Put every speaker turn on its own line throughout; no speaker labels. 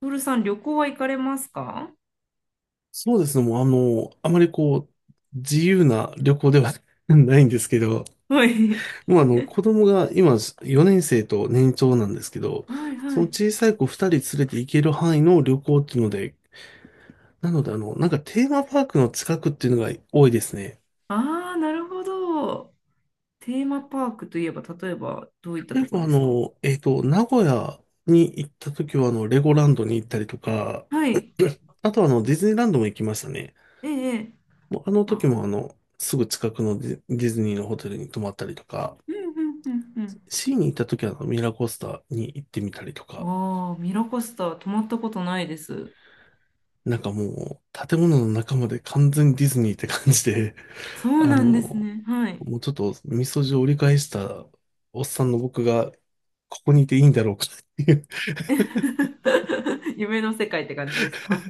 トールさん、旅行は行かれますか？
そうですね。もうあまり自由な旅行では ないんですけど、
はい。
もう子供が今4年生と年長なんですけど、
はい
そ
は
の
い。
小さい子2人連れて行ける範囲の旅行っていうので、なのでなんかテーマパークの近くっていうのが多いですね。
ああ、なるほど。テーマパークといえば、例えば、どういった
例え
とこ
ば
ですか？
名古屋に行った時はレゴランドに行ったりとか、
はい。
あとはディズニーランドも行きましたね。
ええ。ええ。
もうあの時
あ、
もすぐ近くのディズニーのホテルに泊まったりとか、
うんうんうん
シーに行った時はミラーコースターに行ってみたりと
う
か、
ん。ああ、ミラコスタ、泊まったことないです。
なんかもう建物の中まで完全にディズニーって感じで、
そ う
あ
な
の、
んですね。はい。
もうちょっとみそじを折り返したおっさんの僕がここにいていいんだろうかっていう、
夢の世界って感じですか？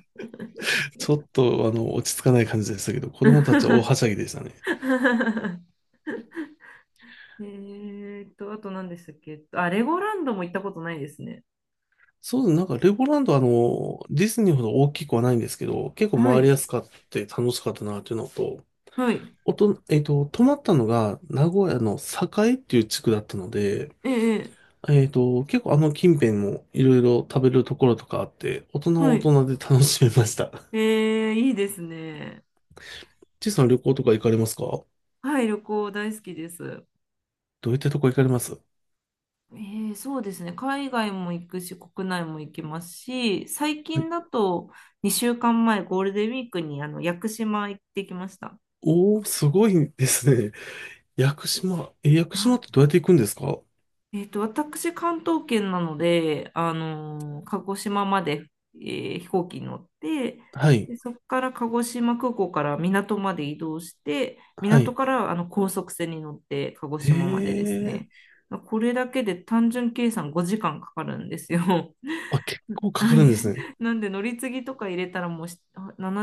ちょっと落ち着かない感じでしたけど、子供たちは大 はしゃぎでしたね。
えあと何でしたっけ？あ、レゴランドも行ったことないですね。
そうですね。なんかレゴランド、ディズニーほど大きくはないんですけど、結構
は
回り
い。
やすかって楽しかったなっていうのと、
はい。
おと、えっと、泊まったのが名古屋の栄っていう地区だったので、
ええ。ええ。
結構近辺もいろいろ食べるところとかあって、大人は
は
大
い。
人で楽しめました。
いいですね。
ちいさん、旅行とか行かれますか？
はい、旅行大好きです。
どういったとこ行かれます？
そうですね。海外も行くし、国内も行きますし、最
はい。
近だと2週間前、ゴールデンウィークに屋久島行ってきました。
おー、すごいですね。屋久島。え、屋久島ってどうやって行くんですか？
私、関東圏なので、鹿児島まで、飛行機に乗って、
はい。
で、そこから鹿児島空港から港まで移動して、
は
港
い。
から高速船に乗って鹿児
へ
島までですね。
え。
これだけで単純計算5時間かかるんですよ。
あ、結構かか るんですね。
なんで乗り継ぎとか入れたらもう7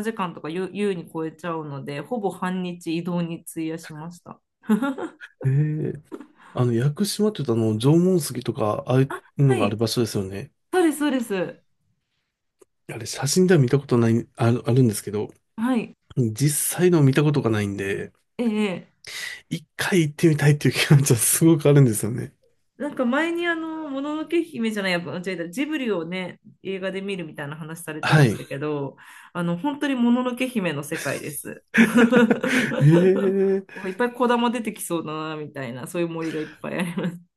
時間とか優優に超えちゃうので、ほぼ半日移動に費やしました。
へえ。屋久島って言うと縄文杉とか、ああいう
は
のがあ
い、
る場所ですよね。
そうです、そうです。
あれ、写真では見たことない、あるんですけど、
はい、
実際の見たことがないんで、
ええ。
一回行ってみたいっていう気持ちはすごくあるんですよね。
なんか前にもののけ姫じゃない、やっぱ間違えた、ジブリをね、映画で見るみたいな話されて
は
ました
い。
けど、本当にもののけ姫の世界です。
ええ。
いっぱい子玉出てきそうだな、みたいな、そういう森がいっぱいあります。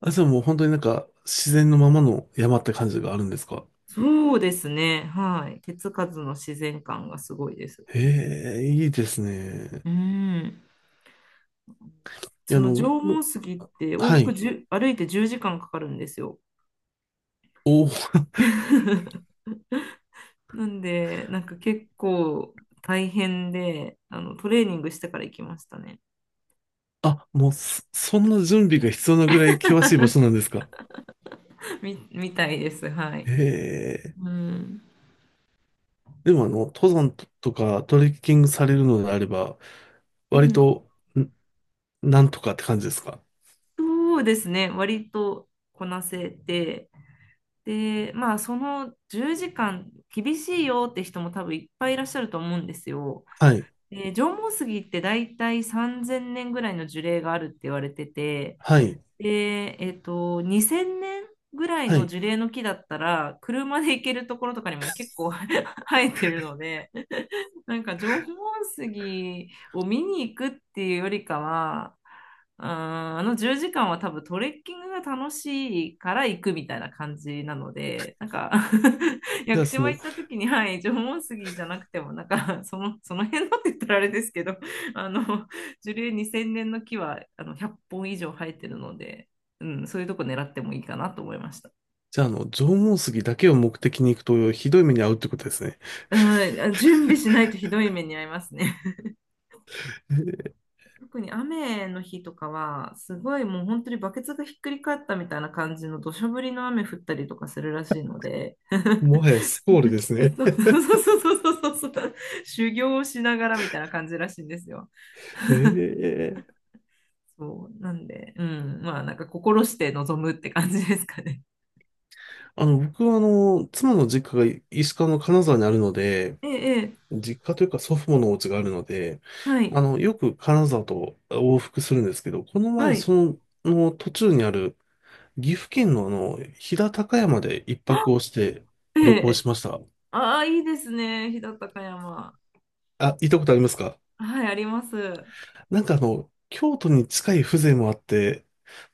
あ、じゃあもう本当になんか自然のままの山って感じがあるんですか？
そうですね、はい。手つかずの自然感がすごいです。
ええ、いいですね。
うん。
い
そ
や、
の縄文
僕。
杉って往
は
復
い。
1歩いて10時間かかるんですよ。
おお、
なんで、なんか結構大変で、トレーニングしてから行きましたね。
あ、もうそんな準備が必要なぐらい険しい場所なんですか？
みたいです。はい。
ええ。
うん。
でも登山とかトレッキングされるのであれば、
う
割
ん。
と、んなんとかって感じですか？
そうですね。割とこなせて。で、まあ、その10時間厳しいよって人も多分いっぱいいらっしゃると思うんですよ。
はい。
で、縄文杉って大体3000年ぐらいの樹齢があるって言われてて、
はい。
で、2000年ぐらい
は
の
い。
樹齢の木だったら、車で行けるところとかにも結構 生えてるので、なんか縄文杉を見に行くっていうよりかは、うーん10時間は多分トレッキングが楽しいから行くみたいな感じなので、なんか 屋
じゃ
久
あそ
島行
の。
った時に、はい、縄文杉じゃなくても、なんかその辺のって言ったらあれですけど、あの、樹齢2000年の木は100本以上生えてるので、うん、そういうとこ狙ってもいいかなと思いました。
じゃあ、縄文杉だけを目的に行くと、ひどい目に遭うってことですね。
うん。準備しないとひどい目に遭いますね。特に雨の日とかは、すごいもう本当にバケツがひっくり返ったみたいな感じの土砂降りの雨降ったりとかするらしいので
も はやスコールです
そ
ね。
う そうそうそうそうそう、修行をしながらみたいな感じらしいんですよ。
ええ。
そうなんで、うん、まあなんか心して臨むって感じですかね。
僕は妻の実家が石川の金沢にあるので、
ええ、ええ。
実家というか祖父母のお家があるので、
はい、
よく金沢と往復するんですけど、この前、
はい。
の途中にある岐阜県の飛騨高山で一泊をして
え
旅行
え。
しました。
ああ、いいですね。飛騨高山。
あ、行ったことありますか？
はい、あります。う
なんか京都に近い風情もあって、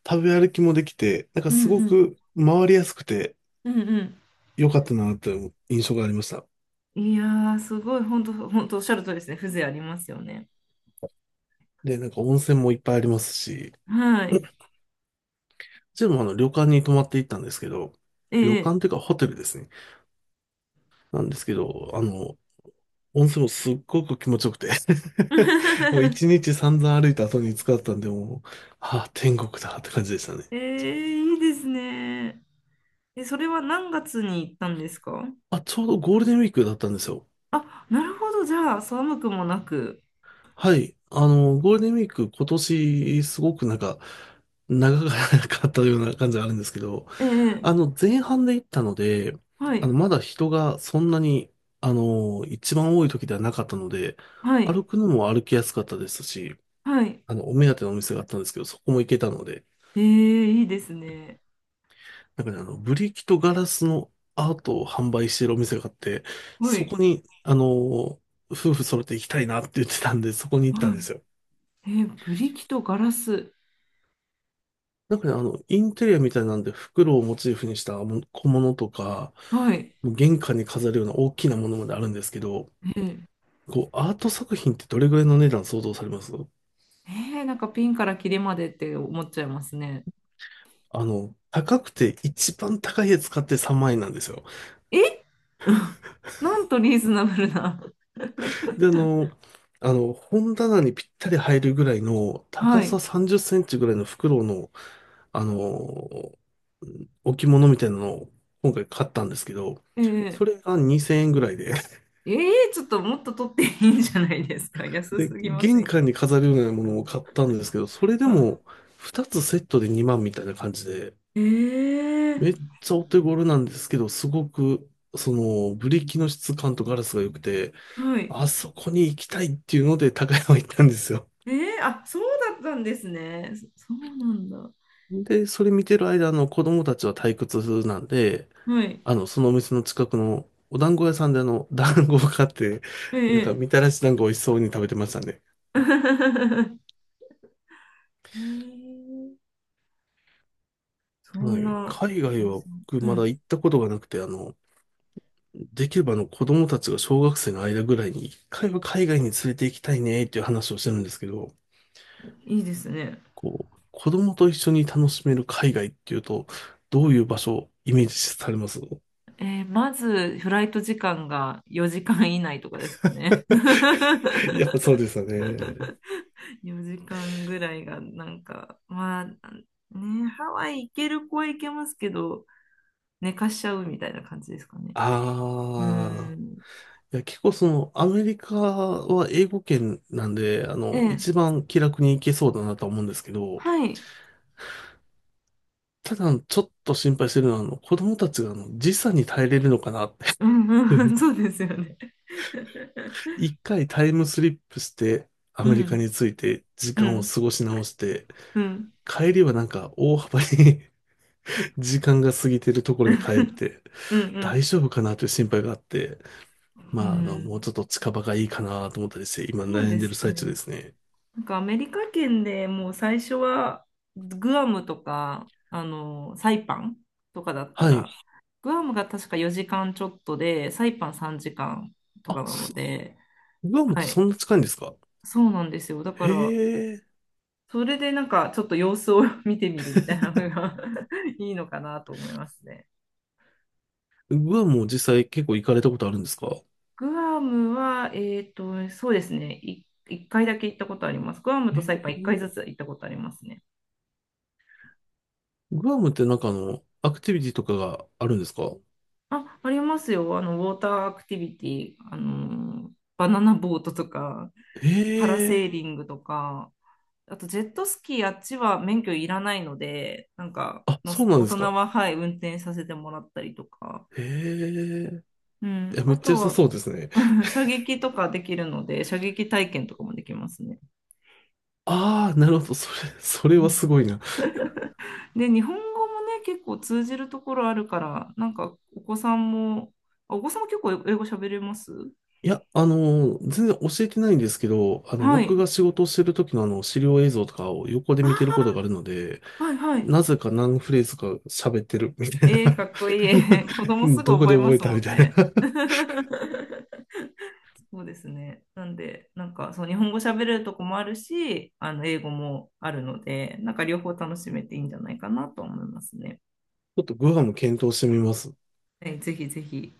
食べ歩きもできて、なんか
ん
すご
うん。
く回りやすくて
うん
良かったなという印象がありました。
うん。いやー、すごい、本当本当おっしゃるとりですね。風情ありますよね。
で、なんか温泉もいっぱいありますし、う
はい。
ちもあの旅館に泊まっていったんですけど、
え
旅
え。
館というかホテルですね。なんですけど、温泉もすっごく気持ちよくて、 もう一 日散々歩いた後に使ったんで、もう、ああ、天国だって感じでしたね。
ええ、いいですね。え、それは何月に行ったんですか？
あ、ちょうどゴールデンウィークだったんですよ。
あ、なるほど。じゃあ、寒くもなく。
はい。ゴールデンウィーク今年すごくなんか長かったような感じがあるんですけど、
ええ。
前半で行ったので、
はい。
まだ人がそんなに、一番多い時ではなかったので、
はい。
歩くのも歩きやすかったですし、
はい。
お目当てのお店があったんですけど、そこも行けたので、
ええ、いいですね。
なんかね、ブリキとガラスのアートを販売しているお店があって、
は
そ
い。
こに、夫婦揃って行きたいなって言ってたんで、そこに行ったんで
は
すよ。
い。ええ、ブリキとガラス。
なんかね、インテリアみたいなんで、袋をモチーフにしたも小物とか、
はい。
もう玄関に飾るような大きなものまであるんですけど、
ええ。
アート作品ってどれぐらいの値段想像されます？
なんかピンからキリまでって思っちゃいますね。
高くて一番高いやつ買って3万円なんですよ。
え。 なんとリーズナブルな。
で、本棚にぴったり入るぐらいの、
は
高さ
い。
30センチぐらいの袋の、あの、置物みたいなのを今回買ったんですけど、
えー、
それが2000円ぐらいで、
えー、ちょっともっと取っていいんじゃないですか？安
で、
すぎませ
玄
ん
関
か？
に飾るようなものを買ったんですけど、それで
は
も2つセットで2万みたいな感じで、
い、
めっちゃお手頃なんですけど、すごく、その、ブリキの質感とガラスが良くて、
はい。
あそこに行きたいっていうので高山行ったんですよ。
えー、あ、そうだったんですね。そうなんだ。
で、それ見てる間、子供たちは退屈なんで、
はい。
そのお店の近くのお団子屋さんで団子を買って、
えー、
なんか
えー
みたらし団子美味しそうに食べてましたね。
えーそ
は
ん
い。
な、
海外は僕
う
まだ
ん、
行ったことがなくて、できればあの子供たちが小学生の間ぐらいに一回は海外に連れて行きたいねっていう話をしてるんですけど、
いいですね。
子供と一緒に楽しめる海外っていうと、どういう場所をイメージされます？
まず、フライト時間が4時間以内とかですかね。
やっぱそう ですよね。
4時間ぐらいが、なんか、まあ、ね、ハワイ行ける子は行けますけど、寝かしちゃうみたいな感じですかね。う
ああ。
ん。
いや、結構アメリカは英語圏なんで、
ええ、
一番気楽に行けそうだなとは思うんですけど、
はい。
ただちょっと心配してるのは、子供たちが時差に耐えれるのかなって、
うんうん、そうですよね。
一回タイムスリップしてア
う
メリカ
ん、
に着いて時
う
間を
ん、
過ごし直して、
うん、
帰りはなんか大幅に 時間が過ぎてるところに帰って
うん、うん。
大丈夫かなという心配があって、
う
まあ、もう
ん、
ちょっと近場がいいかなと思ったりして、今
そう
悩ん
で
でる
す
最中
ね。
ですね。
なんかアメリカ圏でもう最初はグアムとかサイパンとかだった
は
ら
い。
グアムが確か4時間ちょっとでサイパン3時間と
あ、
かなの
す
で、
グアムっ
は
て
い、
そんな近いんですか？
そうなんですよ。だから
へえ。
それでなんかちょっと様子を 見てみるみたいなのが いいのかなと思いますね。
グアムも実際結構行かれたことあるんですか？
グアムは、そうですね、1回だけ行ったことあります。グアム
へ
とサイパン
え
1
ー。
回ずつ行ったことありますね。
グアムってなんかアクティビティとかがあるんですか？
あ、ありますよ。ウォーターアクティビティ、バナナボートとか、パラ
へ
セ
え。
ーリングとか、あとジェットスキー、あっちは免許いらないので、なんか、
あ、そうなん
大
で
人
すか。
は、はい、運転させてもらったりとか、
へえ。
う
い
ん、
や、め
あ
っちゃ良
と
さ
は、
そうですね。
射撃とかできるので、射撃体験とかもできますね。
ああ、なるほど。それはすごいな。
で、日本語もね、結構通じるところあるから、なんか、お子さんも、お子さんも結構英語喋れます？
いや、全然教えてないんですけど、
は
僕
い。
が仕事をしてる時の資料映像とかを横で見てる
あ、
ことがあるので、
はいはい。
なぜか何フレーズか喋ってるみたいな。
えー、かっこいい。子 供すぐ
どこ
覚
で
えま
覚え
す
た
も
み
ん
たいな。
ね。
ち
そうですね。なんで、なんか、そう、日本語喋れるとこもあるし、英語もあるので、なんか両方楽しめていいんじゃないかなと思いますね。
ょっとグアム検討してみます。
はい、ぜひぜひ。